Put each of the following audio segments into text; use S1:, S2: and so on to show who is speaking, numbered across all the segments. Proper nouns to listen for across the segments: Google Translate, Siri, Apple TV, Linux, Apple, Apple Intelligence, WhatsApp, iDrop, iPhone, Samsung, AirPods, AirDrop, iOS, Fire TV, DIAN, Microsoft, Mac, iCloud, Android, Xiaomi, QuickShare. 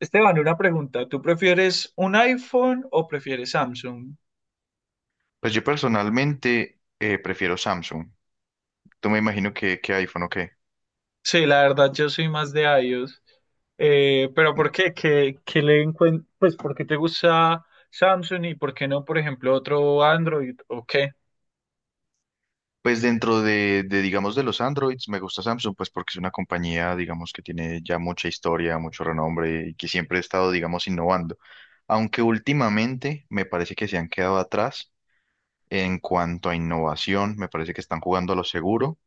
S1: Esteban, una pregunta. ¿Tú prefieres un iPhone o prefieres Samsung?
S2: Pues yo personalmente prefiero Samsung. Tú me imagino que iPhone o qué.
S1: Sí, la verdad, yo soy más de iOS. Pero ¿por qué? Pues, ¿por qué te gusta Samsung y por qué no, por ejemplo, otro Android o qué?
S2: Pues dentro digamos, de los Androids, me gusta Samsung, pues porque es una compañía, digamos, que tiene ya mucha historia, mucho renombre y que siempre ha estado, digamos, innovando. Aunque últimamente me parece que se han quedado atrás en cuanto a innovación, me parece que están jugando a lo seguro,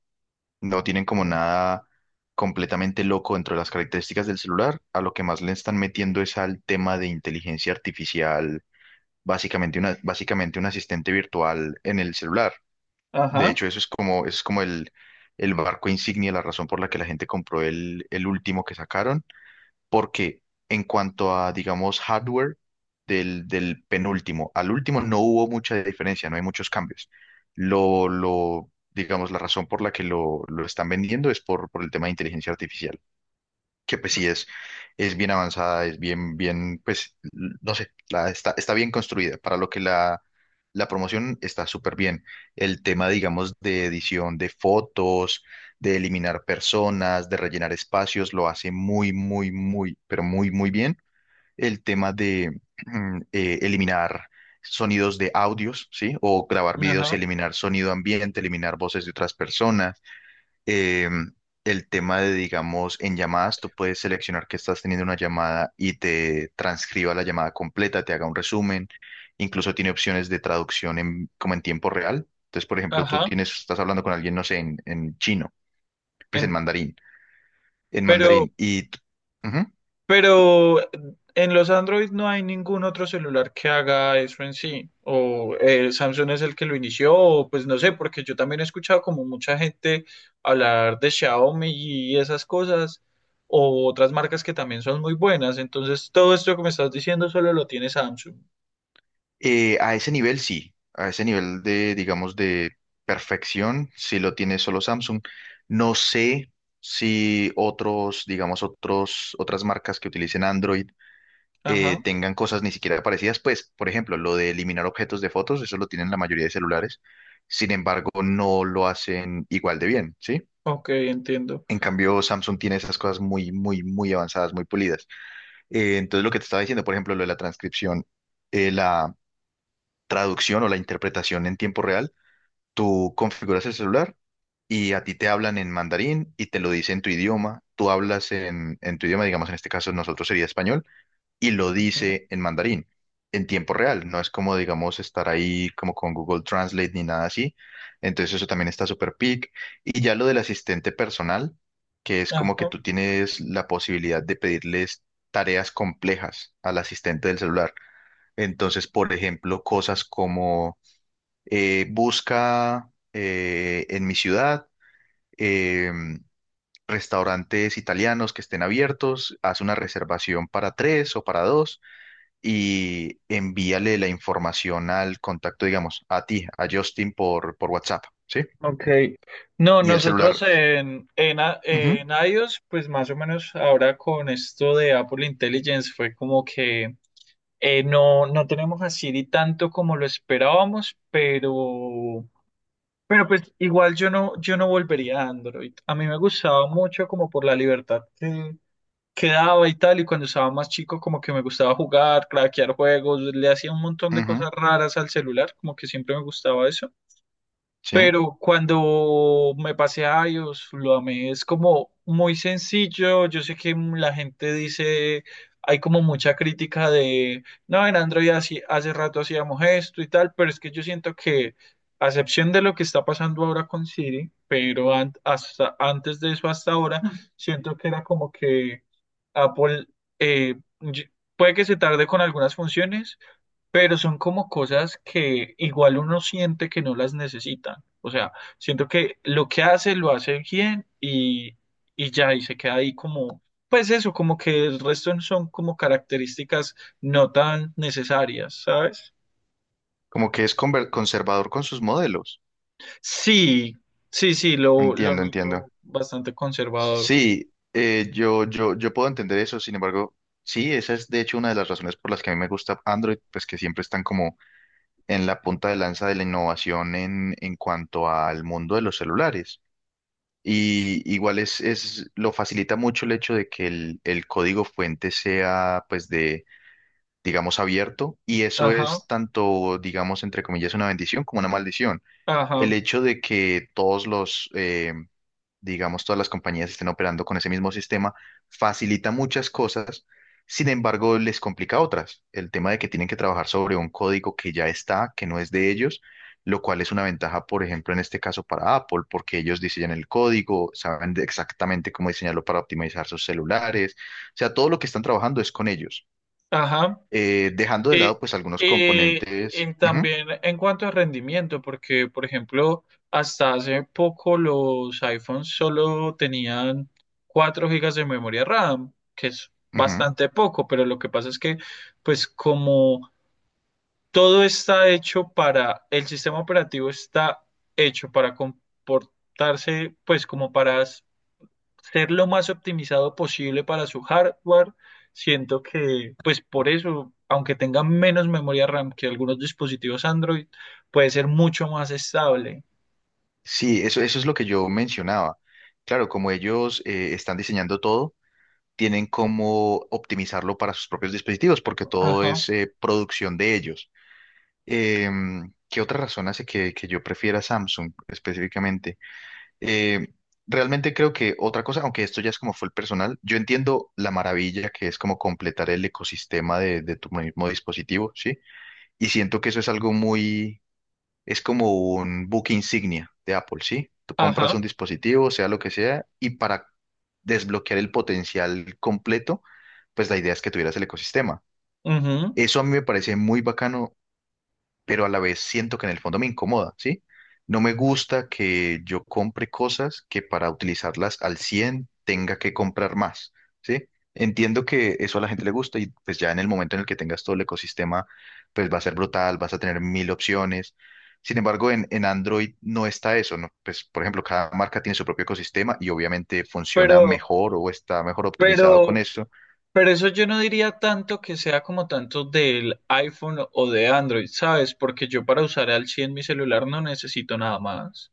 S2: no tienen como
S1: Eh,
S2: nada completamente loco dentro de las características del celular, a lo que más le están metiendo es al tema de inteligencia artificial básicamente una, básicamente un asistente virtual en el celular. De
S1: Ajá,
S2: hecho, eso es como el barco insignia, la razón por la que la gente compró el último que sacaron, porque en cuanto a, digamos, hardware del penúltimo al último no hubo mucha diferencia, no hay muchos cambios. Digamos, la razón por la que lo están vendiendo es por el tema de inteligencia artificial que pues sí es bien avanzada, es pues, no sé, está, está bien construida. Para lo la promoción está súper bien. El tema, digamos, de edición de fotos, de eliminar personas, de rellenar espacios, lo hace muy, muy, muy, pero muy, muy bien. El tema de eliminar sonidos de audios, ¿sí? O grabar videos
S1: ajá,
S2: y eliminar sonido ambiente, eliminar voces de otras personas eh, el tema de, digamos, en llamadas, tú puedes seleccionar que estás teniendo una llamada y te transcriba la llamada completa, te haga un resumen, incluso tiene opciones de traducción en, como en tiempo real. Entonces, por ejemplo, tú
S1: ajá.
S2: tienes, estás hablando con alguien, no sé, en chino, pues
S1: En-
S2: en
S1: pero,
S2: mandarín, ujú.
S1: Pero en los Android no hay ningún otro celular que haga eso en sí. O ¿Samsung es el que lo inició, o pues no sé? Porque yo también he escuchado como mucha gente hablar de Xiaomi y esas cosas, o otras marcas que también son muy buenas. Entonces, todo esto que me estás diciendo solo lo tiene Samsung.
S2: A ese nivel sí, a ese nivel de, digamos, de perfección, sí lo tiene solo Samsung. No sé si otros, digamos, otros, otras marcas que utilicen Android
S1: Ajá,
S2: tengan cosas ni siquiera parecidas. Pues, por ejemplo, lo de eliminar objetos de fotos, eso lo tienen la mayoría de celulares. Sin embargo, no lo hacen igual de bien, ¿sí?
S1: ok, entiendo.
S2: En cambio, Samsung tiene esas cosas muy, muy, muy avanzadas, muy pulidas. Entonces, lo que te estaba diciendo, por ejemplo, lo de la transcripción, la traducción o la interpretación en tiempo real, tú configuras el celular y a ti te hablan en mandarín y te lo dicen en tu idioma. Tú hablas en tu idioma, digamos, en este caso nosotros sería español y lo
S1: Ujú,
S2: dice en mandarín, en tiempo real. No es como, digamos, estar ahí como con Google Translate ni nada así. Entonces eso también está súper pic. Y ya lo del asistente personal, que es como que
S1: ajá.
S2: tú tienes la posibilidad de pedirles tareas complejas al asistente del celular. Entonces, por ejemplo, cosas como busca en mi ciudad em, restaurantes italianos que estén abiertos, haz una reservación para tres o para dos y envíale la información al contacto, digamos, a ti, a Justin por WhatsApp, ¿sí?
S1: Ok, no,
S2: Y el
S1: nosotros
S2: celular, ujú,
S1: en iOS, pues más o menos ahora con esto de Apple Intelligence fue como que no, no tenemos a Siri tanto como lo esperábamos, pero pues igual yo no, yo no volvería a Android. A mí me gustaba mucho como por la libertad que daba y tal, y cuando estaba más chico como que me gustaba jugar, craquear juegos, le hacía un montón de
S2: ujú,
S1: cosas raras al celular, como que siempre me gustaba eso.
S2: sí,
S1: Pero cuando me pasé a iOS, lo amé. Es como muy sencillo. Yo sé que la gente dice, hay como mucha crítica de, no, en hace rato hacíamos esto y tal, pero es que yo siento que, a excepción de lo que está pasando ahora con Siri, pero hasta antes de eso, hasta ahora, siento que era como que Apple, eh, y- puede que se tarde con algunas funciones pero son como cosas que igual uno siente que no las necesitan. O sea, siento que lo que hace lo hace bien y ya, y se queda ahí como, pues eso, como que el resto son como características no tan necesarias, ¿sabes?
S2: como que es conservador con sus modelos.
S1: Sí, sí, sí, lo
S2: Entiendo, entiendo.
S1: noto bastante conservador.
S2: Sí, yo puedo entender eso, sin embargo, sí, esa es de hecho una de las razones por las que a mí me gusta Android, pues que siempre están como en la punta de lanza de la innovación en cuanto al mundo de los celulares. Y igual lo facilita mucho el hecho de que el código fuente sea, pues, de, digamos, abierto. Y eso
S1: Ajá,
S2: es tanto, digamos, entre comillas, una bendición como una maldición. El
S1: ajá,
S2: hecho de que todos digamos, todas las compañías estén operando con ese mismo sistema, facilita muchas cosas, sin embargo, les complica otras. El tema de que tienen que trabajar sobre un código que ya está, que no es de ellos, lo cual es una ventaja, por ejemplo, en este caso para Apple, porque ellos diseñan el código, exactamente cómo diseñarlo para optimizar sus celulares, o sea, todo lo que están trabajando es con ellos.
S1: ajá.
S2: Dejando de
S1: Eh,
S2: lado, pues, algunos componentes.
S1: y
S2: Ujú,
S1: también en cuanto a rendimiento, porque, por ejemplo, hasta hace poco los iPhones solo tenían 4 gigas de memoria RAM, que es
S2: ujú.
S1: bastante poco, pero lo que pasa es que, pues como todo está hecho para, el sistema operativo está hecho para comportarse, pues como para ser lo más optimizado posible para su hardware. Siento que, pues por eso, aunque tenga menos memoria RAM que algunos dispositivos Android, puede ser mucho más estable.
S2: Sí, eso es lo que yo mencionaba. Claro, como ellos están diseñando todo, tienen cómo optimizarlo para sus propios dispositivos, porque todo
S1: Ajá,
S2: es producción de ellos. ¿Qué otra razón hace que yo prefiera Samsung específicamente? Em, Realmente creo que otra cosa, aunque esto ya es como fue el personal, yo entiendo la maravilla que es como completar el ecosistema de tu mismo dispositivo, ¿sí? Y siento que eso es algo muy, es como un book insignia de Apple, ¿sí? Tú compras
S1: ajá,
S2: un dispositivo, sea lo que sea, y para desbloquear el potencial completo, pues la idea es que tuvieras el ecosistema.
S1: ujú.
S2: Eso a mí me parece muy bacano, pero a la vez siento que en el fondo me incomoda, ¿sí? No me gusta que yo compre cosas que para utilizarlas al 100 tenga que comprar más, ¿sí? Entiendo que eso a la gente le gusta y pues ya en el momento en el que tengas todo el ecosistema, pues va a ser brutal, vas a tener mil opciones. Sin embargo, en Android no está eso, ¿no? Pues, por ejemplo, cada marca tiene su propio ecosistema y obviamente funciona
S1: Pero,
S2: mejor o está mejor optimizado con
S1: pero,
S2: eso.
S1: pero eso yo no diría tanto que sea como tanto del iPhone o de Android, ¿sabes? Porque yo para usar al 100 mi celular no necesito nada más.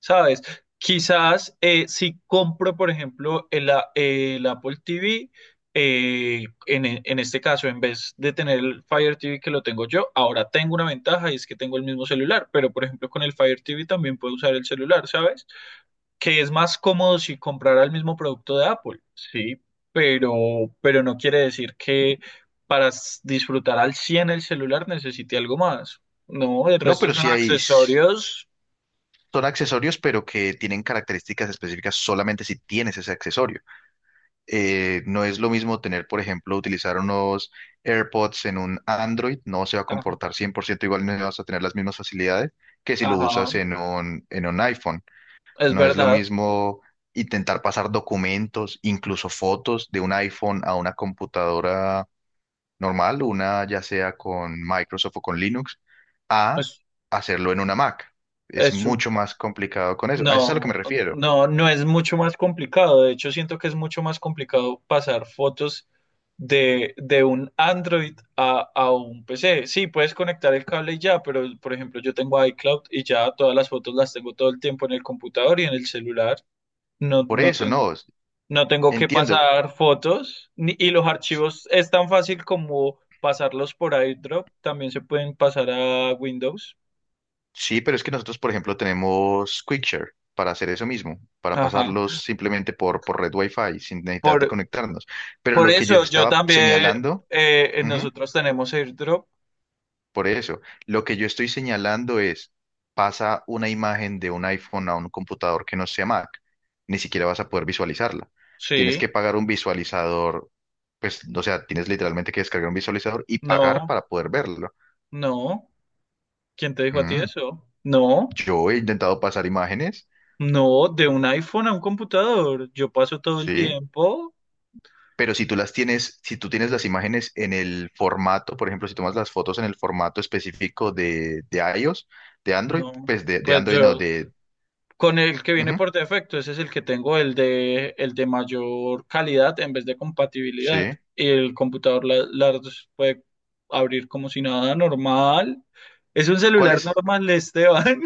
S1: ¿Sabes? Quizás si compro, por ejemplo, el Apple TV, en este caso, en vez de tener el Fire TV que lo tengo yo, ahora tengo una ventaja y es que tengo el mismo celular, pero por ejemplo con el Fire TV también puedo usar el celular, ¿sabes? Que es más cómodo si comprara el mismo producto de Apple, sí, pero, pero no quiere decir que para disfrutar al 100 el celular necesite algo más. No, el
S2: No,
S1: resto
S2: pero
S1: son
S2: sí hay.
S1: accesorios.
S2: Son accesorios, pero que tienen características específicas solamente si tienes ese accesorio. No es lo mismo tener, por ejemplo, utilizar unos AirPods en un Android, no se va a
S1: Ajá.
S2: comportar 100% igual, no vas a tener las mismas facilidades que si lo usas
S1: Ajá.
S2: en un iPhone.
S1: Es
S2: No es lo
S1: verdad,
S2: mismo intentar pasar documentos, incluso fotos de un iPhone a una computadora normal, una ya sea con Microsoft o con Linux, a
S1: pues
S2: hacerlo en una Mac. Es
S1: es, un-
S2: mucho más complicado con eso. A eso es a lo que
S1: no,
S2: me refiero.
S1: no, no es mucho más complicado. De hecho, siento que es mucho más complicado pasar fotos de un Android a un PC. Sí, puedes conectar el cable y ya, pero por ejemplo, yo tengo iCloud y ya todas las fotos las tengo todo el tiempo en el computador y en el celular. No,
S2: Por
S1: no
S2: eso,
S1: tengo,
S2: no, s-
S1: no tengo que
S2: entiendo.
S1: pasar fotos y los
S2: S-
S1: archivos es tan fácil como pasarlos por iDrop. También se pueden pasar a Windows.
S2: Sí, pero es que nosotros, por ejemplo, tenemos QuickShare para hacer eso mismo, para
S1: Ajá.
S2: pasarlos simplemente por red Wi-Fi sin necesidad de
S1: por
S2: conectarnos. Pero
S1: Por
S2: lo que yo
S1: eso yo
S2: estaba
S1: también,
S2: señalando...
S1: nosotros tenemos airdrop.
S2: Por eso, lo que yo estoy señalando es, pasa una imagen de un iPhone a un computador que no sea Mac, ni siquiera vas a poder visualizarla. Tienes
S1: Sí,
S2: que pagar un visualizador, pues, o sea, tienes literalmente que descargar un visualizador y pagar
S1: no,
S2: para poder verlo.
S1: no. ¿Quién te dijo a ti
S2: Mm,
S1: eso? No,
S2: Yo he intentado pasar imágenes,
S1: no, de un iPhone a un computador. Yo paso todo el
S2: sí,
S1: tiempo.
S2: pero si tú las tienes, si tú tienes las imágenes en el formato, por ejemplo, si tomas las fotos en el formato específico de iOS, de Android,
S1: No,
S2: pues de, de
S1: pues
S2: Android no,
S1: yo,
S2: de...
S1: con el que viene
S2: Ujú,
S1: por defecto, ese es el que tengo, el de mayor calidad en vez de compatibilidad.
S2: sí.
S1: Y el computador las puede abrir como si nada normal. Es un
S2: ¿Cuál
S1: celular
S2: es?
S1: normal, Esteban.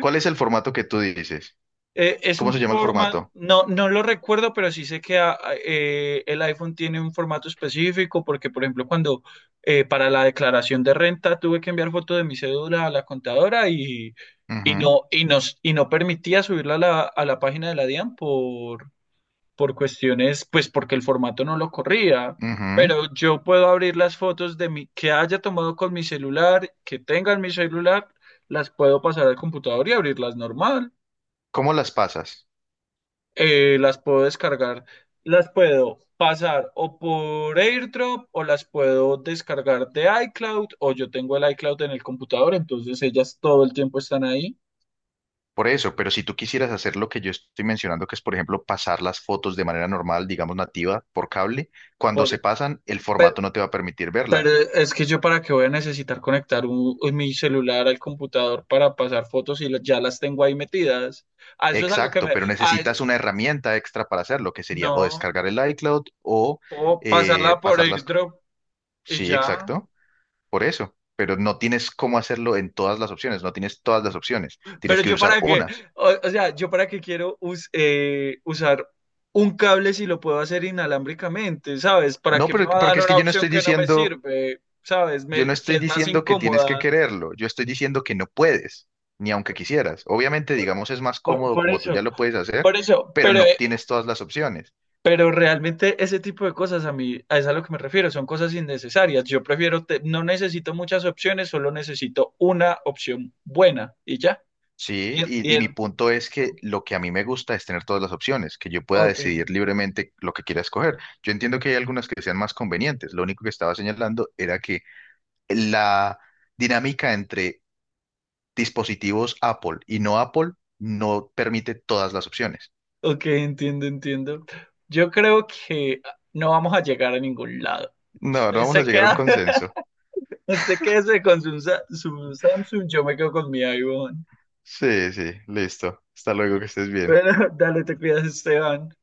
S2: ¿Cuál es el formato que tú dices?
S1: Es
S2: ¿Cómo se
S1: un
S2: llama el
S1: formato,
S2: formato?
S1: no, no lo recuerdo, pero sí sé que el iPhone tiene un formato específico porque, por ejemplo, cuando para la declaración de renta tuve que enviar foto de mi cédula a la contadora y,
S2: Ujú,
S1: y no permitía subirla a la página de la DIAN por cuestiones, pues porque el formato no lo corría.
S2: ujú.
S1: Pero yo puedo abrir las fotos de mi, que haya tomado con mi celular, que tenga en mi celular, las puedo pasar al computador y abrirlas normal.
S2: ¿Cómo las pasas?
S1: Las puedo descargar, las puedo pasar o por AirDrop o las puedo descargar de iCloud, o yo tengo el iCloud en el computador, entonces ellas todo el tiempo están ahí.
S2: Por eso, pero si tú quisieras hacer lo que yo estoy mencionando, que es, por ejemplo, pasar las fotos de manera normal, digamos nativa, por cable, cuando se
S1: Por-
S2: pasan, el
S1: pe-
S2: formato no te va a permitir
S1: pero
S2: verlas.
S1: es que yo para qué voy a necesitar conectar mi celular al computador para pasar fotos y ya las tengo ahí metidas. A eso es a lo que
S2: Exacto,
S1: me...
S2: pero necesitas una herramienta extra para hacerlo, que sería o
S1: No,
S2: descargar el iCloud o
S1: puedo pasarla por
S2: pasarlas.
S1: AirDrop y
S2: Sí,
S1: ya.
S2: exacto, por eso. Pero no tienes cómo hacerlo en todas las opciones, no tienes todas las opciones,
S1: Pero
S2: tienes que
S1: yo
S2: usar
S1: para qué,
S2: unas.
S1: o sea, yo para qué quiero usar un cable si lo puedo hacer inalámbricamente, ¿sabes? ¿Para
S2: No,
S1: qué me
S2: pero
S1: va a
S2: porque
S1: dar
S2: es que
S1: una
S2: yo no
S1: opción
S2: estoy
S1: que no me
S2: diciendo,
S1: sirve, ¿sabes?
S2: yo no
S1: Que
S2: estoy
S1: es más
S2: diciendo que tienes que
S1: incómoda.
S2: quererlo, yo estoy diciendo que no puedes, ni aunque quisieras. Obviamente,
S1: Por,
S2: digamos, es más cómodo
S1: por
S2: como tú ya
S1: eso,
S2: lo puedes hacer,
S1: por eso,
S2: pero no tienes todas las opciones.
S1: pero realmente ese tipo de cosas a mí, a eso es a lo que me refiero, son cosas innecesarias. Yo prefiero, no necesito muchas opciones, solo necesito una opción buena y ya.
S2: Sí,
S1: Y, y
S2: y mi
S1: el,
S2: punto es que lo que a mí me gusta es tener todas las opciones, que yo pueda
S1: ok.
S2: decidir libremente lo que quiera escoger. Yo entiendo que hay algunas que sean más convenientes. Lo único que estaba señalando era que la dinámica entre dispositivos Apple y no Apple no permite todas las opciones.
S1: Ok, entiendo, entiendo. Yo creo que no vamos a llegar a ningún lado.
S2: No, no
S1: Usted
S2: vamos a
S1: se
S2: llegar a un
S1: queda,
S2: consenso.
S1: usted quédese con su, su Samsung, yo me quedo con mi iPhone.
S2: Sí, sí, listo. Hasta luego, que estés bien.
S1: Bueno, dale, te cuidas, Esteban.